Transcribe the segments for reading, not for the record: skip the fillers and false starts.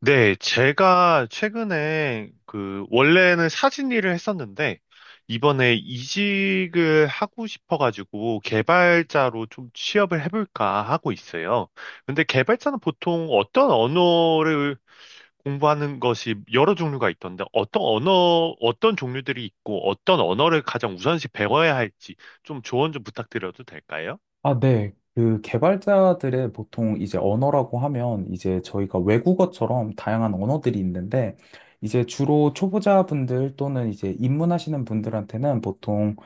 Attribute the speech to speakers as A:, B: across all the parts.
A: 네, 제가 최근에 원래는 사진 일을 했었는데 이번에 이직을 하고 싶어가지고 개발자로 좀 취업을 해볼까 하고 있어요. 근데 개발자는 보통 어떤 언어를 공부하는 것이 여러 종류가 있던데 어떤 언어, 어떤 종류들이 있고 어떤 언어를 가장 우선시 배워야 할지 좀 조언 좀 부탁드려도 될까요?
B: 아, 네. 그 개발자들의 보통 이제 언어라고 하면 이제 저희가 외국어처럼 다양한 언어들이 있는데 이제 주로 초보자분들 또는 이제 입문하시는 분들한테는 보통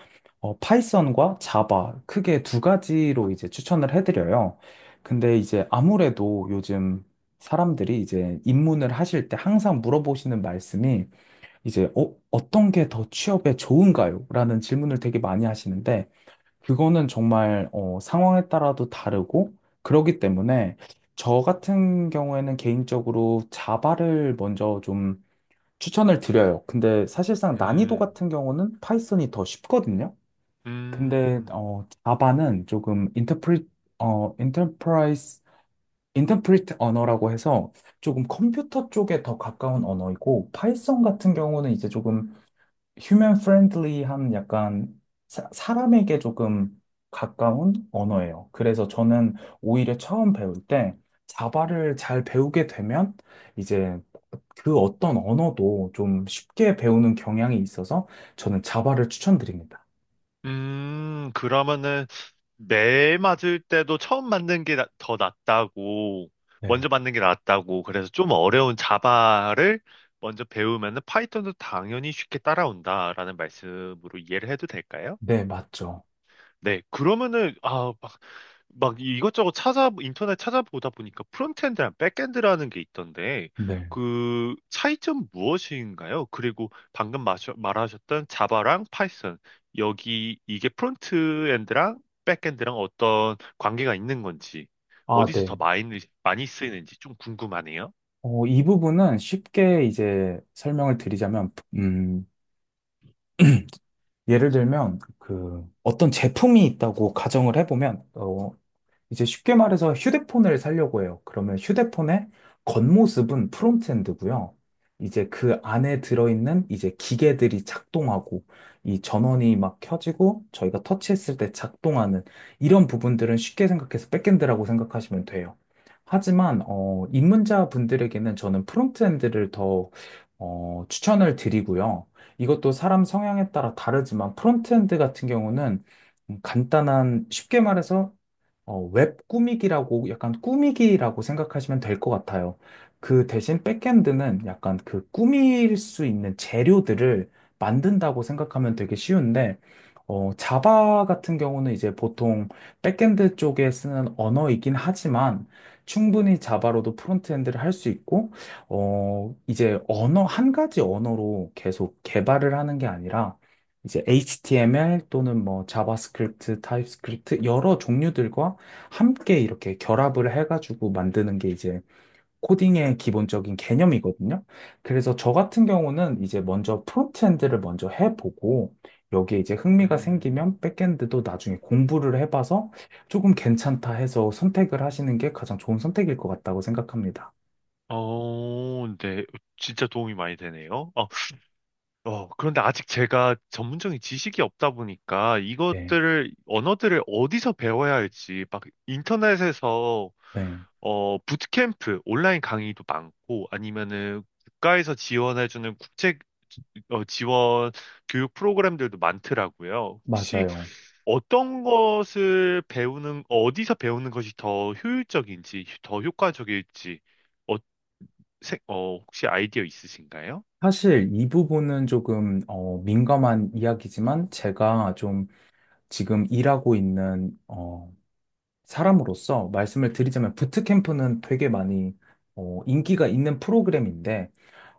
B: 파이썬과 자바 크게 두 가지로 이제 추천을 해드려요. 근데 이제 아무래도 요즘 사람들이 이제 입문을 하실 때 항상 물어보시는 말씀이 이제 어떤 게 더 취업에 좋은가요? 라는 질문을 되게 많이 하시는데 그거는 정말 상황에 따라도 다르고 그러기 때문에 저 같은 경우에는 개인적으로 자바를 먼저 좀 추천을 드려요. 근데 사실상 난이도
A: 음,
B: 같은 경우는 파이썬이 더 쉽거든요. 근데
A: 음,
B: 어, 자바는 조금 인터프리 어 인터프라이스 인터프리트 언어라고 해서 조금 컴퓨터 쪽에 더 가까운 언어이고 파이썬 같은 경우는 이제 조금 휴먼 프렌들리한 약간 사람에게 조금 가까운 언어예요. 그래서 저는 오히려 처음 배울 때 자바를 잘 배우게 되면 이제 그 어떤 언어도 좀 쉽게 배우는 경향이 있어서 저는 자바를 추천드립니다.
A: 그러면은 매 맞을 때도 처음 맞는 게 더 낫다고, 먼저
B: 네.
A: 맞는 게 낫다고, 그래서 좀 어려운 자바를 먼저 배우면은 파이썬도 당연히 쉽게 따라온다라는 말씀으로 이해를 해도 될까요?
B: 네, 맞죠.
A: 네, 그러면은, 막 이것저것 인터넷 찾아보다 보니까 프론트엔드랑 백엔드라는 게 있던데,
B: 네.
A: 그 차이점 무엇인가요? 그리고 방금 말하셨던 자바랑 파이썬, 여기 이게 프론트엔드랑 백엔드랑 어떤 관계가 있는 건지,
B: 아,
A: 어디서 더
B: 네.
A: 많이, 많이 쓰이는지 좀 궁금하네요.
B: 어, 이 부분은 쉽게 이제 설명을 드리자면, 예를 들면, 그, 어떤 제품이 있다고 가정을 해보면, 이제 쉽게 말해서 휴대폰을 살려고 해요. 그러면 휴대폰의 겉모습은 프론트엔드고요. 이제 그 안에 들어있는 이제 기계들이 작동하고 이 전원이 막 켜지고 저희가 터치했을 때 작동하는 이런 부분들은 쉽게 생각해서 백엔드라고 생각하시면 돼요. 하지만 입문자 분들에게는 저는 프론트엔드를 더 추천을 드리고요. 이것도 사람 성향에 따라 다르지만 프론트엔드 같은 경우는 간단한 쉽게 말해서 웹 꾸미기라고 약간 꾸미기라고 생각하시면 될 것 같아요. 그 대신 백엔드는 약간 그 꾸밀 수 있는 재료들을 만든다고 생각하면 되게 쉬운데, 자바 같은 경우는 이제 보통 백엔드 쪽에 쓰는 언어이긴 하지만 충분히 자바로도 프론트엔드를 할 수 있고, 이제 한 가지 언어로 계속 개발을 하는 게 아니라 이제 HTML 또는 뭐 자바스크립트, 타입스크립트 여러 종류들과 함께 이렇게 결합을 해가지고 만드는 게 이제 코딩의 기본적인 개념이거든요. 그래서 저 같은 경우는 이제 먼저 프론트엔드를 먼저 해보고 여기에 이제 흥미가
A: 음,
B: 생기면 백엔드도 나중에 공부를 해봐서 조금 괜찮다 해서 선택을 하시는 게 가장 좋은 선택일 것 같다고 생각합니다.
A: 네. 진짜 도움이 많이 되네요. 그런데 아직 제가 전문적인 지식이 없다 보니까
B: 네,
A: 이것들을, 언어들을 어디서 배워야 할지, 막
B: 네,
A: 부트캠프, 온라인 강의도 많고, 아니면은 국가에서 지원해주는 지원 교육 프로그램들도 많더라고요. 혹시
B: 맞아요.
A: 어떤 것을 배우는, 어디서 배우는 것이 더 효율적인지, 더 효과적일지, 어, 혹시 아이디어 있으신가요?
B: 사실 이 부분은 조금 민감한 이야기지만 제가 좀 지금 일하고 있는 사람으로서 말씀을 드리자면 부트캠프는 되게 많이 인기가 있는 프로그램인데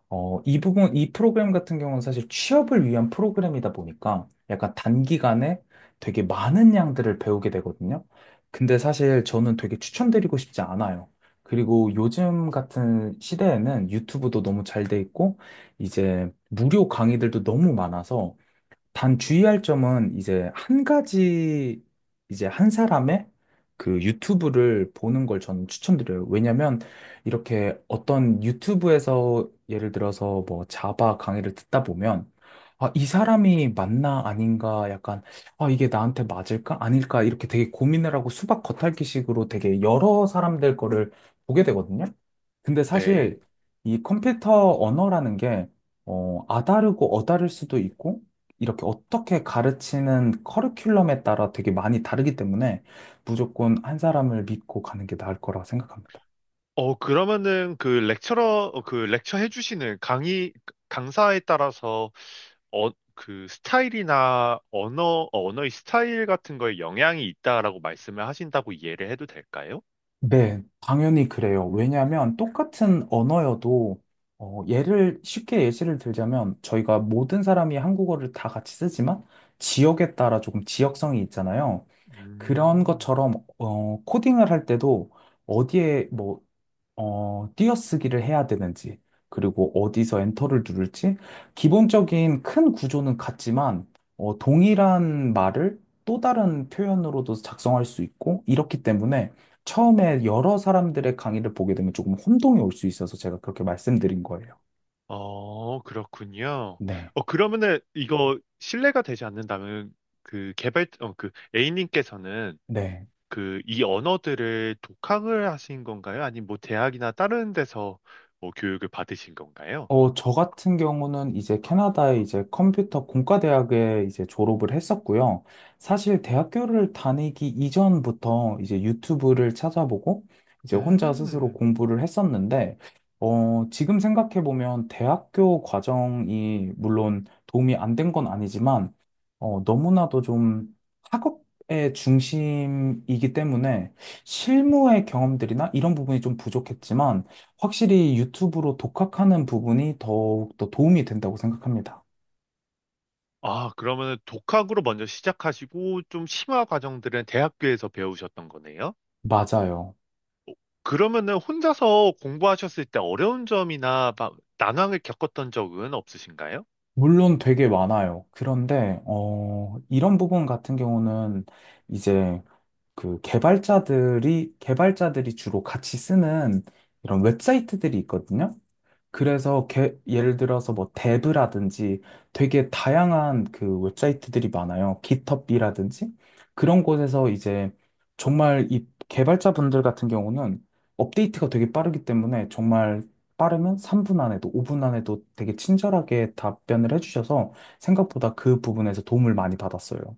B: 이 프로그램 같은 경우는 사실 취업을 위한 프로그램이다 보니까 약간 단기간에 되게 많은 양들을 배우게 되거든요. 근데 사실 저는 되게 추천드리고 싶지 않아요. 그리고 요즘 같은 시대에는 유튜브도 너무 잘 돼 있고 이제 무료 강의들도 너무 많아서 단 주의할 점은 이제 한 가지, 이제 한 사람의 그 유튜브를 보는 걸 저는 추천드려요. 왜냐면 이렇게 어떤 유튜브에서 예를 들어서 뭐 자바 강의를 듣다 보면 아, 이 사람이 맞나 아닌가 약간 아, 이게 나한테 맞을까 아닐까 이렇게 되게 고민을 하고 수박 겉핥기식으로 되게 여러 사람들 거를 보게 되거든요. 근데
A: 네.
B: 사실 이 컴퓨터 언어라는 게 아다르고 어다를 수도 있고 이렇게 어떻게 가르치는 커리큘럼에 따라 되게 많이 다르기 때문에 무조건 한 사람을 믿고 가는 게 나을 거라 생각합니다.
A: 그러면은 그 렉처 해주시는 강의, 강사에 따라서 그 스타일이나 언어의 스타일 같은 거에 영향이 있다라고 말씀을 하신다고 이해를 해도 될까요?
B: 네, 당연히 그래요. 왜냐하면 똑같은 언어여도 어, 예를 쉽게 예시를 들자면 저희가 모든 사람이 한국어를 다 같이 쓰지만 지역에 따라 조금 지역성이 있잖아요. 그런
A: 음.
B: 것처럼 코딩을 할 때도 어디에 뭐 띄어쓰기를 해야 되는지, 그리고 어디서 엔터를 누를지, 기본적인 큰 구조는 같지만, 동일한 말을 또 다른 표현으로도 작성할 수 있고, 이렇기 때문에 처음에 여러 사람들의 강의를 보게 되면 조금 혼동이 올 수 있어서 제가 그렇게 말씀드린 거예요.
A: 그렇군요.
B: 네,
A: 그러면은 이거 신뢰가 되지 않는다면 그 A님께서는
B: 네.
A: 그 이 언어들을 독학을 하신 건가요? 아니면 뭐 대학이나 다른 데서 뭐 교육을 받으신 건가요?
B: 어, 저 같은 경우는 이제 캐나다의 이제 컴퓨터 공과대학에 이제 졸업을 했었고요. 사실 대학교를 다니기 이전부터 이제 유튜브를 찾아보고 이제 혼자 스스로
A: 음.
B: 공부를 했었는데, 지금 생각해보면 대학교 과정이 물론 도움이 안 된 건 아니지만, 너무나도 좀 학업의 중심이기 때문에 실무의 경험들이나 이런 부분이 좀 부족했지만, 확실히 유튜브로 독학하는 부분이 더욱 더 도움이 된다고 생각합니다.
A: 아, 그러면은 독학으로 먼저 시작하시고 좀 심화 과정들은 대학교에서 배우셨던 거네요?
B: 맞아요.
A: 그러면은 혼자서 공부하셨을 때 어려운 점이나 막 난항을 겪었던 적은 없으신가요?
B: 물론 되게 많아요. 그런데, 이런 부분 같은 경우는 이제 그 개발자들이 주로 같이 쓰는 이런 웹사이트들이 있거든요. 예를 들어서 뭐 데브라든지 되게 다양한 그 웹사이트들이 많아요. 깃허브라든지 그런 곳에서 이제 정말 이 개발자분들 같은 경우는 업데이트가 되게 빠르기 때문에 정말 빠르면 3분 안에도 5분 안에도 되게 친절하게 답변을 해주셔서 생각보다 그 부분에서 도움을 많이 받았어요.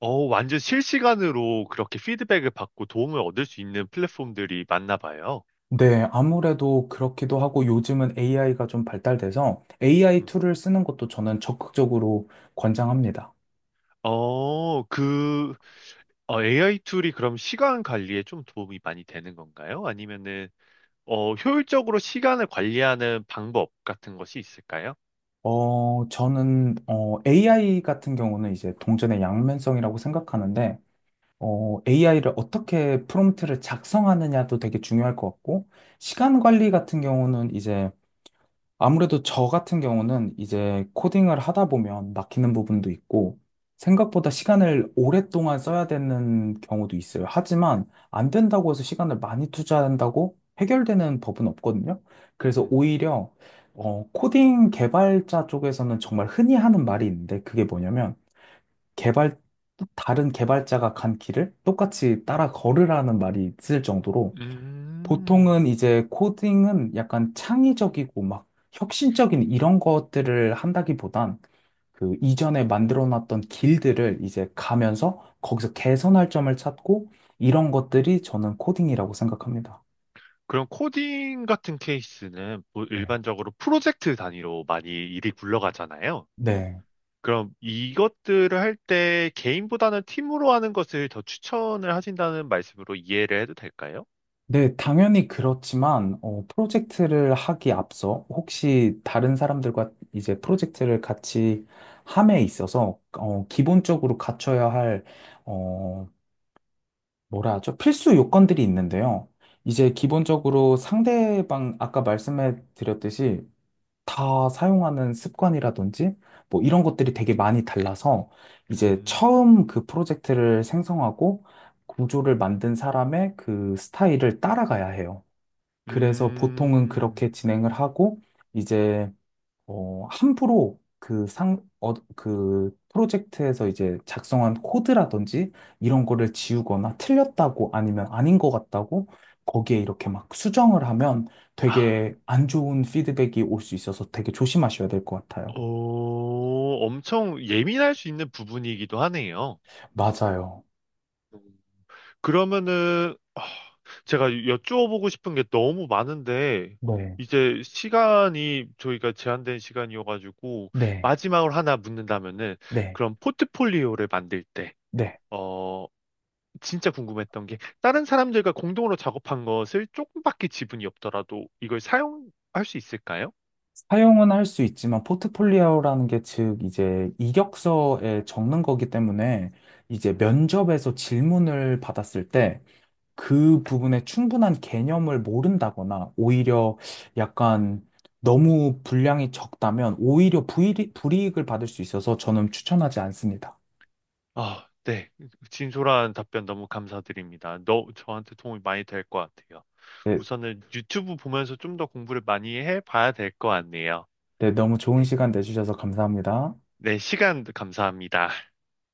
A: 완전 실시간으로 그렇게 피드백을 받고 도움을 얻을 수 있는 플랫폼들이 많나 봐요.
B: 네, 아무래도 그렇기도 하고 요즘은 AI가 좀 발달돼서 AI
A: 음.
B: 툴을 쓰는 것도 저는 적극적으로 권장합니다.
A: 어, 그, AI 툴이 그럼 시간 관리에 좀 도움이 많이 되는 건가요? 효율적으로 시간을 관리하는 방법 같은 것이 있을까요?
B: 저는 AI 같은 경우는 이제 동전의 양면성이라고 생각하는데, AI를 어떻게 프롬프트를 작성하느냐도 되게 중요할 것 같고, 시간 관리 같은 경우는 이제 아무래도 저 같은 경우는 이제 코딩을 하다 보면 막히는 부분도 있고, 생각보다 시간을 오랫동안 써야 되는 경우도 있어요. 하지만 안 된다고 해서 시간을 많이 투자한다고 해결되는 법은 없거든요. 그래서
A: 음,
B: 오히려, 코딩 개발자 쪽에서는 정말 흔히 하는 말이 있는데, 그게 뭐냐면, 개발, 다른 개발자가 간 길을 똑같이 따라 걸으라는 말이 있을 정도로,
A: 음,
B: 보통은 이제 코딩은 약간 창의적이고 막 혁신적인 이런 것들을 한다기보단 그 이전에 만들어 놨던 길들을 이제 가면서 거기서 개선할 점을 찾고 이런 것들이 저는 코딩이라고 생각합니다.
A: 그럼 코딩 같은 케이스는 뭐
B: 네.
A: 일반적으로 프로젝트 단위로 많이 일이 굴러가잖아요.
B: 네.
A: 그럼 이것들을 할 때 개인보다는 팀으로 하는 것을 더 추천을 하신다는 말씀으로 이해를 해도 될까요?
B: 네, 당연히 그렇지만, 프로젝트를 하기 앞서 혹시 다른 사람들과 이제 프로젝트를 같이 함에 있어서, 기본적으로 갖춰야 할, 어, 뭐라 하죠? 필수 요건들이 있는데요. 이제 기본적으로 상대방, 아까 말씀해 드렸듯이 다 사용하는 습관이라든지 뭐 이런 것들이 되게 많이 달라서 이제
A: 음,
B: 처음 그 프로젝트를 생성하고 구조를 만든 사람의 그 스타일을 따라가야 해요. 그래서 보통은
A: 음,
B: 그렇게 진행을 하고 이제 함부로 그 프로젝트에서 이제 작성한 코드라든지 이런 거를 지우거나 틀렸다고 아니면 아닌 것 같다고 거기에 이렇게 막 수정을 하면
A: 아,
B: 되게 안 좋은 피드백이 올 수 있어서 되게 조심하셔야 될 것 같아요.
A: 오, 엄청 예민할 수 있는 부분이기도 하네요.
B: 맞아요.
A: 음. 그러면은, 제가 여쭈어보고 싶은 게 너무 많은데,
B: 네,
A: 이제 시간이 저희가 제한된 시간이어가지고,
B: 네,
A: 마지막으로 하나 묻는다면은,
B: 네,
A: 그럼 포트폴리오를 만들 때,
B: 네.
A: 어, 진짜 궁금했던 게 다른 사람들과 공동으로 작업한 것을 조금밖에 지분이 없더라도 이걸 사용할 수 있을까요?
B: 사용은 할 수 있지만 포트폴리오라는 게 즉 이제 이력서에 적는 거기 때문에 이제 면접에서 질문을 받았을 때 그 부분에 충분한 개념을 모른다거나 오히려 약간 너무 분량이 적다면 오히려 불이익을 받을 수 있어서 저는 추천하지 않습니다.
A: 아, 네. 진솔한 답변 너무 감사드립니다. 너 저한테 도움이 많이 될 것 같아요.
B: 네,
A: 우선은 유튜브 보면서 좀 더 공부를 많이 해봐야 될 것 같네요.
B: 네, 너무 좋은
A: 네,
B: 시간 내주셔서 감사합니다.
A: 네, 시간 감사합니다.